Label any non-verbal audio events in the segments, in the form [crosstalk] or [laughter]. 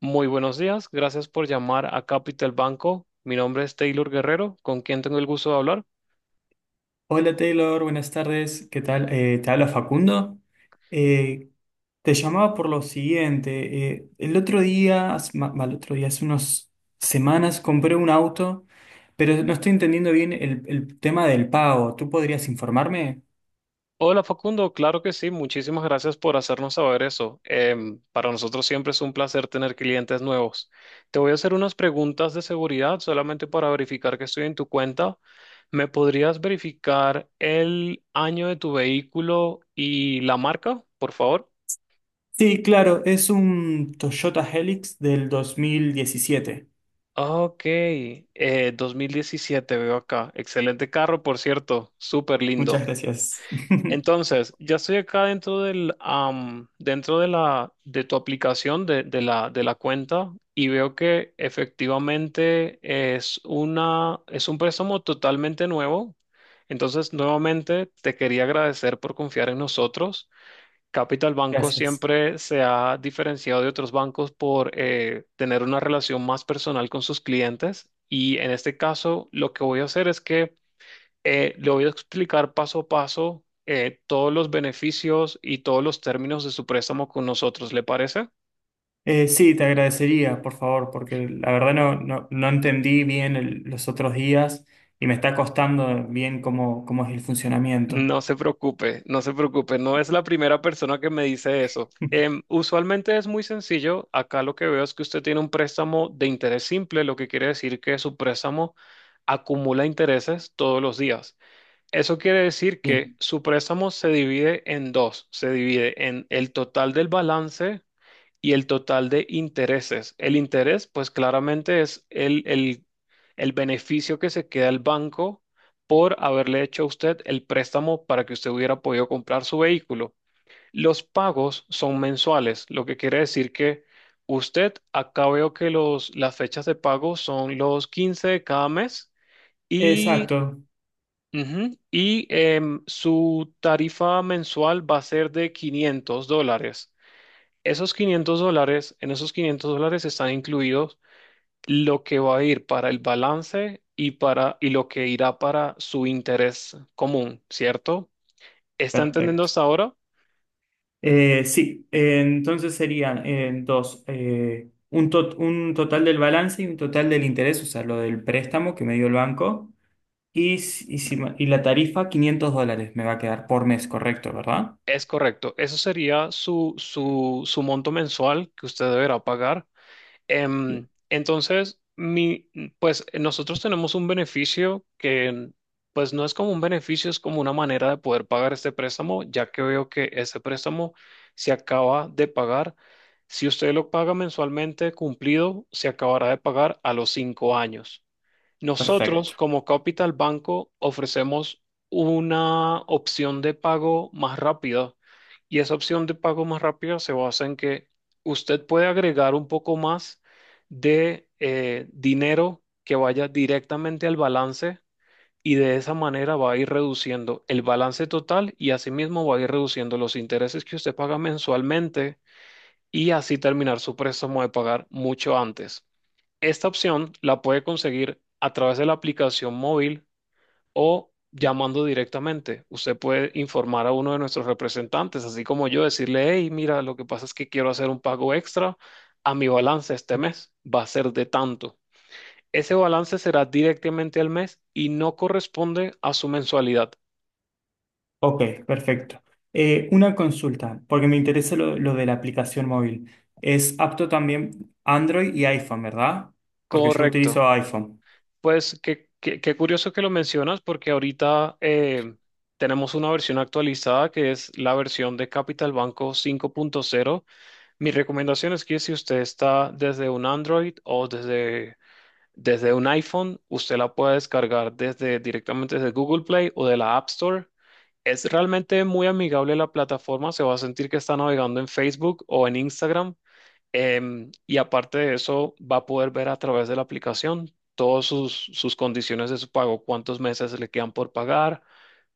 Muy buenos días, gracias por llamar a Capital Banco. Mi nombre es Taylor Guerrero, con quien tengo el gusto de hablar. Hola Taylor, buenas tardes. ¿Qué tal? Te habla Facundo. Eh, Te llamaba por lo siguiente. El otro día, mal, otro día, hace unas semanas compré un auto, pero no estoy entendiendo bien el tema del pago. ¿Tú podrías informarme? Hola Facundo, claro que sí, muchísimas gracias por hacernos saber eso. Para nosotros siempre es un placer tener clientes nuevos. Te voy a hacer unas preguntas de seguridad solamente para verificar que estoy en tu cuenta. ¿Me podrías verificar el año de tu vehículo y la marca, por favor? Sí, claro, es un Toyota Helix del 2017. Ok, 2017 veo acá. Excelente carro, por cierto, súper Muchas lindo. gracias. [laughs] Entonces, ya estoy acá dentro del, am, dentro de la, de tu aplicación de la cuenta y veo que efectivamente es un préstamo totalmente nuevo. Entonces, nuevamente te quería agradecer por confiar en nosotros. Capital Banco Gracias. siempre se ha diferenciado de otros bancos por tener una relación más personal con sus clientes, y en este caso lo que voy a hacer es que le voy a explicar paso a paso todos los beneficios y todos los términos de su préstamo con nosotros, ¿le parece? Sí, te agradecería, por favor, porque la verdad no entendí bien los otros días y me está costando bien cómo es el funcionamiento. No se preocupe, no se preocupe, no es la primera persona que me dice eso. [laughs] Usualmente es muy sencillo, acá lo que veo es que usted tiene un préstamo de interés simple, lo que quiere decir que su préstamo acumula intereses todos los días. Eso quiere decir que Bien, su préstamo se divide en dos, se divide en el total del balance y el total de intereses. El interés, pues claramente es el beneficio que se queda el banco por haberle hecho a usted el préstamo para que usted hubiera podido comprar su vehículo. Los pagos son mensuales, lo que quiere decir que usted, acá veo que las fechas de pago son los 15 de cada mes y, exacto, ujú, y su tarifa mensual va a ser de $500. Esos $500, en esos $500 están incluidos lo que va a ir para el balance y, para, y lo que irá para su interés común, ¿cierto? ¿Está entendiendo perfecto. hasta ahora? Sí, entonces serían un total del balance y un total del interés, o sea, lo del préstamo que me dio el banco y la tarifa $500 me va a quedar por mes, correcto, ¿verdad? Es correcto. Eso sería su, su, su monto mensual que usted deberá pagar. Bien, Entonces, pues nosotros tenemos un beneficio que, pues no es como un beneficio, es como una manera de poder pagar este préstamo, ya que veo que ese préstamo se acaba de pagar. Si usted lo paga mensualmente cumplido, se acabará de pagar a los 5 años. Nosotros, perfecto. como Capital Banco, ofrecemos una opción de pago más rápida, y esa opción de pago más rápida se basa en que usted puede agregar un poco más de dinero que vaya directamente al balance, y de esa manera va a ir reduciendo el balance total y asimismo va a ir reduciendo los intereses que usted paga mensualmente, y así terminar su préstamo de pagar mucho antes. Esta opción la puede conseguir a través de la aplicación móvil o llamando directamente. Usted puede informar a uno de nuestros representantes, así como yo, decirle, hey, mira, lo que pasa es que quiero hacer un pago extra a mi balance este mes. Va a ser de tanto. Ese balance será directamente al mes y no corresponde a su mensualidad. Ok, perfecto. Una consulta, porque me interesa lo de la aplicación móvil. Es apto también Android y iPhone, ¿verdad? Porque yo Correcto. utilizo iPhone. Pues qué curioso que lo mencionas, porque ahorita tenemos una versión actualizada que es la versión de Capital Banco 5.0. Mi recomendación es que si usted está desde un Android o desde un iPhone, usted la puede descargar directamente desde Google Play o de la App Store. Es realmente muy amigable la plataforma, se va a sentir que está navegando en Facebook o en Instagram. Y aparte de eso, va a poder ver a través de la aplicación todas sus condiciones de su pago, cuántos meses le quedan por pagar,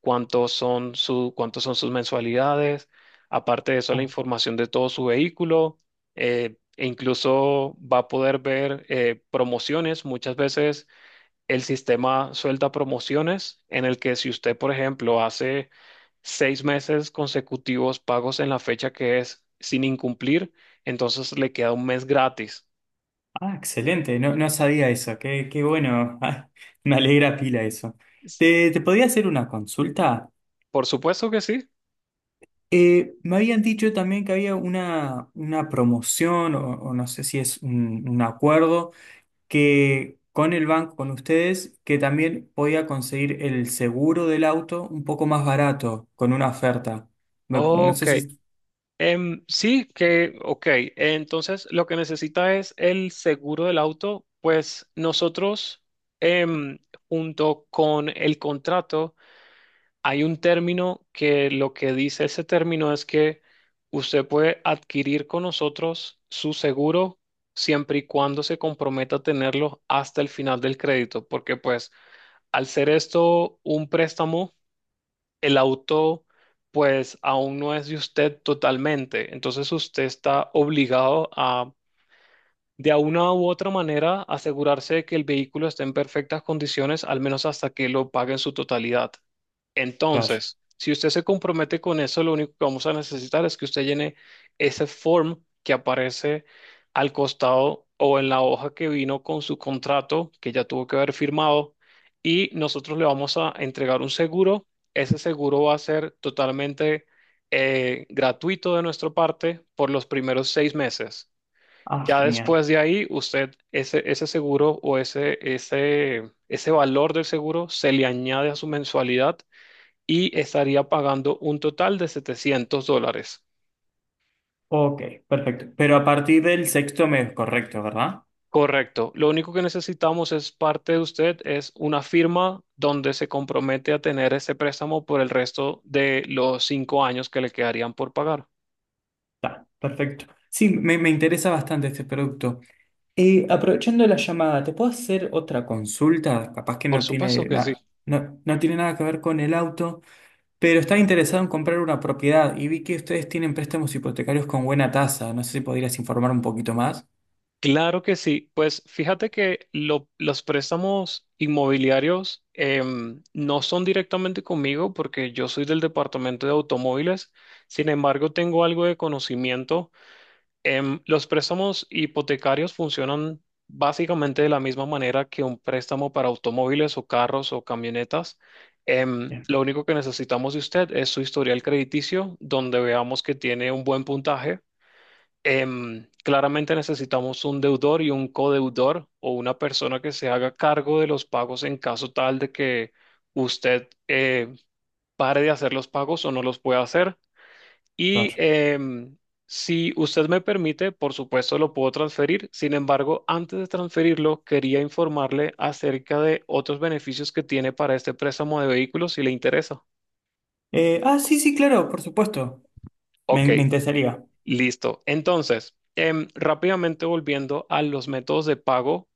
cuántos son sus mensualidades. Aparte de eso, la Ah, información de todo su vehículo, e incluso va a poder ver promociones. Muchas veces el sistema suelta promociones en el que si usted, por ejemplo, hace 6 meses consecutivos pagos en la fecha que es sin incumplir, entonces le queda un mes gratis. ah, excelente, no, no sabía eso, qué bueno. [laughs] Ah, me alegra pila eso. S- Te podía hacer una consulta? Por supuesto que sí. Me habían dicho también que había una promoción o no sé si es un acuerdo que con el banco, con ustedes, que también podía conseguir el seguro del auto un poco más barato con una oferta. No Ok. sé si... Sí, ok. Entonces, lo que necesita es el seguro del auto. Pues nosotros, em, junto con el contrato, hay un término que lo que dice ese término es que usted puede adquirir con nosotros su seguro siempre y cuando se comprometa a tenerlo hasta el final del crédito, porque pues al ser esto un préstamo, el auto pues aún no es de usted totalmente, entonces usted está obligado a de una u otra manera asegurarse de que el vehículo esté en perfectas condiciones, al menos hasta que lo pague en su totalidad. Claro. Entonces, si usted se compromete con eso, lo único que vamos a necesitar es que usted llene ese form que aparece al costado o en la hoja que vino con su contrato, que ya tuvo que haber firmado, y nosotros le vamos a entregar un seguro. Ese seguro va a ser totalmente gratuito de nuestra parte por los primeros 6 meses. Ah, Ya genial. después de ahí, usted ese, ese seguro o ese valor del seguro se le añade a su mensualidad y estaría pagando un total de $700. Ok, perfecto. Pero a partir del sexto mes, correcto, ¿verdad? Correcto. Lo único que necesitamos es parte de usted, es una firma donde se compromete a tener ese préstamo por el resto de los 5 años que le quedarían por pagar. Está, perfecto. Sí, me interesa bastante este producto. Aprovechando la llamada, ¿te puedo hacer otra consulta? Capaz que Por no supuesto tiene, que sí. No tiene nada que ver con el auto. Pero estaba interesado en comprar una propiedad y vi que ustedes tienen préstamos hipotecarios con buena tasa. No sé si podrías informar un poquito más. Claro que sí. Pues fíjate que los préstamos inmobiliarios no son directamente conmigo porque yo soy del departamento de automóviles. Sin embargo, tengo algo de conocimiento. Los préstamos hipotecarios funcionan básicamente de la misma manera que un préstamo para automóviles o carros o camionetas. Em, Bien, lo único que necesitamos de usted es su historial crediticio, donde veamos que tiene un buen puntaje. Claramente necesitamos un deudor y un codeudor o una persona que se haga cargo de los pagos en caso tal de que usted pare de hacer los pagos o no los pueda hacer. Y claro. Si usted me permite, por supuesto lo puedo transferir. Sin embargo, antes de transferirlo, quería informarle acerca de otros beneficios que tiene para este préstamo de vehículos, si le interesa. Sí, claro, por supuesto. Ok, Me interesaría. listo. Entonces, rápidamente volviendo a los métodos de pago,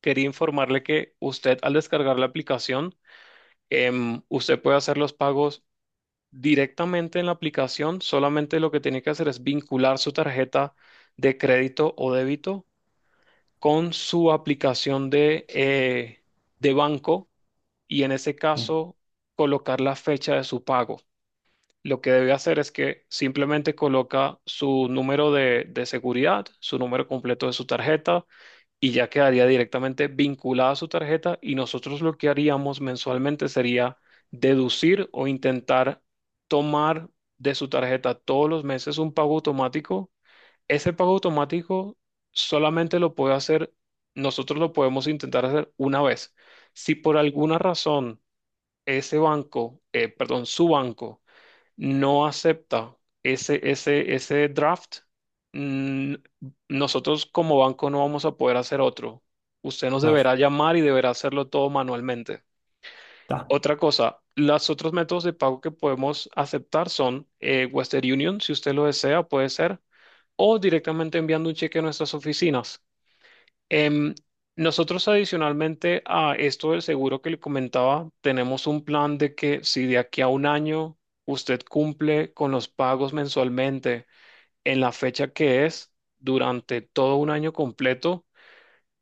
quería informarle que usted, al descargar la aplicación, usted puede hacer los pagos directamente en la aplicación. Solamente lo que tiene que hacer es vincular su tarjeta de crédito o débito con su aplicación de banco y en ese Bien, caso colocar la fecha de su pago. Lo que debe hacer es que simplemente coloca su número de seguridad, su número completo de su tarjeta, y ya quedaría directamente vinculada a su tarjeta, y nosotros lo que haríamos mensualmente sería deducir o intentar tomar de su tarjeta todos los meses un pago automático. Ese pago automático solamente lo puede hacer, nosotros lo podemos intentar hacer una vez. Si por alguna razón ese banco, perdón, su banco, no acepta ese draft, mm, nosotros como banco no vamos a poder hacer otro. Usted nos claro. deberá llamar y deberá hacerlo todo manualmente. Está. Otra cosa, los otros métodos de pago que podemos aceptar son Western Union, si usted lo desea, puede ser, o directamente enviando un cheque a nuestras oficinas. Em, nosotros, adicionalmente a esto del seguro que le comentaba, tenemos un plan de que si de aquí a un año usted cumple con los pagos mensualmente en la fecha que es, durante todo un año completo,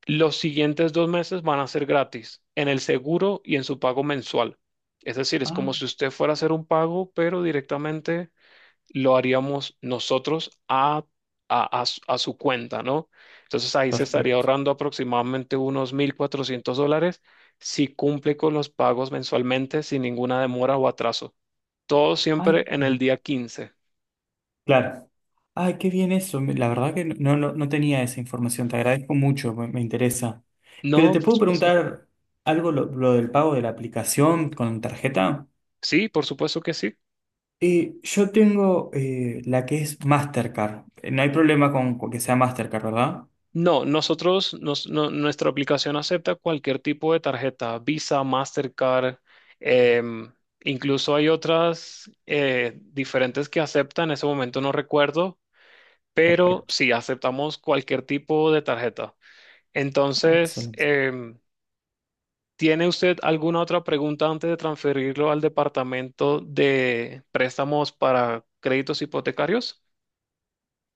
los siguientes 2 meses van a ser gratis en el seguro y en su pago mensual. Es decir, es Ah, como si usted fuera a hacer un pago, pero directamente lo haríamos nosotros a su cuenta, ¿no? Entonces ahí se estaría perfecto. ahorrando aproximadamente unos $1,400 si cumple con los pagos mensualmente sin ninguna demora o atraso. Todo siempre Ay, en el qué. día 15. Claro. Ay, qué bien eso. La verdad que no tenía esa información. Te agradezco mucho, me interesa. Pero No, te por puedo supuesto. preguntar algo lo del pago de la aplicación con tarjeta. Sí, por supuesto que sí. Y yo tengo la que es Mastercard. No hay problema con que sea Mastercard, ¿verdad? No, nosotros, nuestra aplicación acepta cualquier tipo de tarjeta, Visa, Mastercard, em, incluso hay otras diferentes que aceptan, en ese momento no recuerdo, pero Perfecto. sí aceptamos cualquier tipo de tarjeta. Entonces, Excelente. ¿Tiene usted alguna otra pregunta antes de transferirlo al departamento de préstamos para créditos hipotecarios?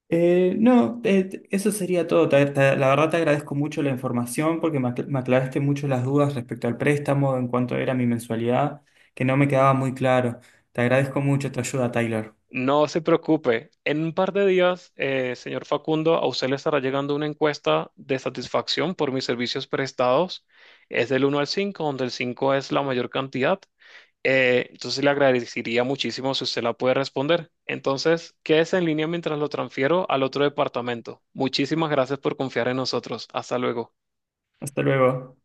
No, eso sería todo. La verdad te agradezco mucho la información porque me aclaraste mucho las dudas respecto al préstamo en cuanto era mi mensualidad, que no me quedaba muy claro. Te agradezco mucho tu ayuda, Tyler. No se preocupe. En un par de días, señor Facundo, a usted le estará llegando una encuesta de satisfacción por mis servicios prestados. Es del 1 al 5, donde el 5 es la mayor cantidad. Entonces le agradecería muchísimo si usted la puede responder. Entonces, quédese en línea mientras lo transfiero al otro departamento. Muchísimas gracias por confiar en nosotros. Hasta luego. Hasta luego.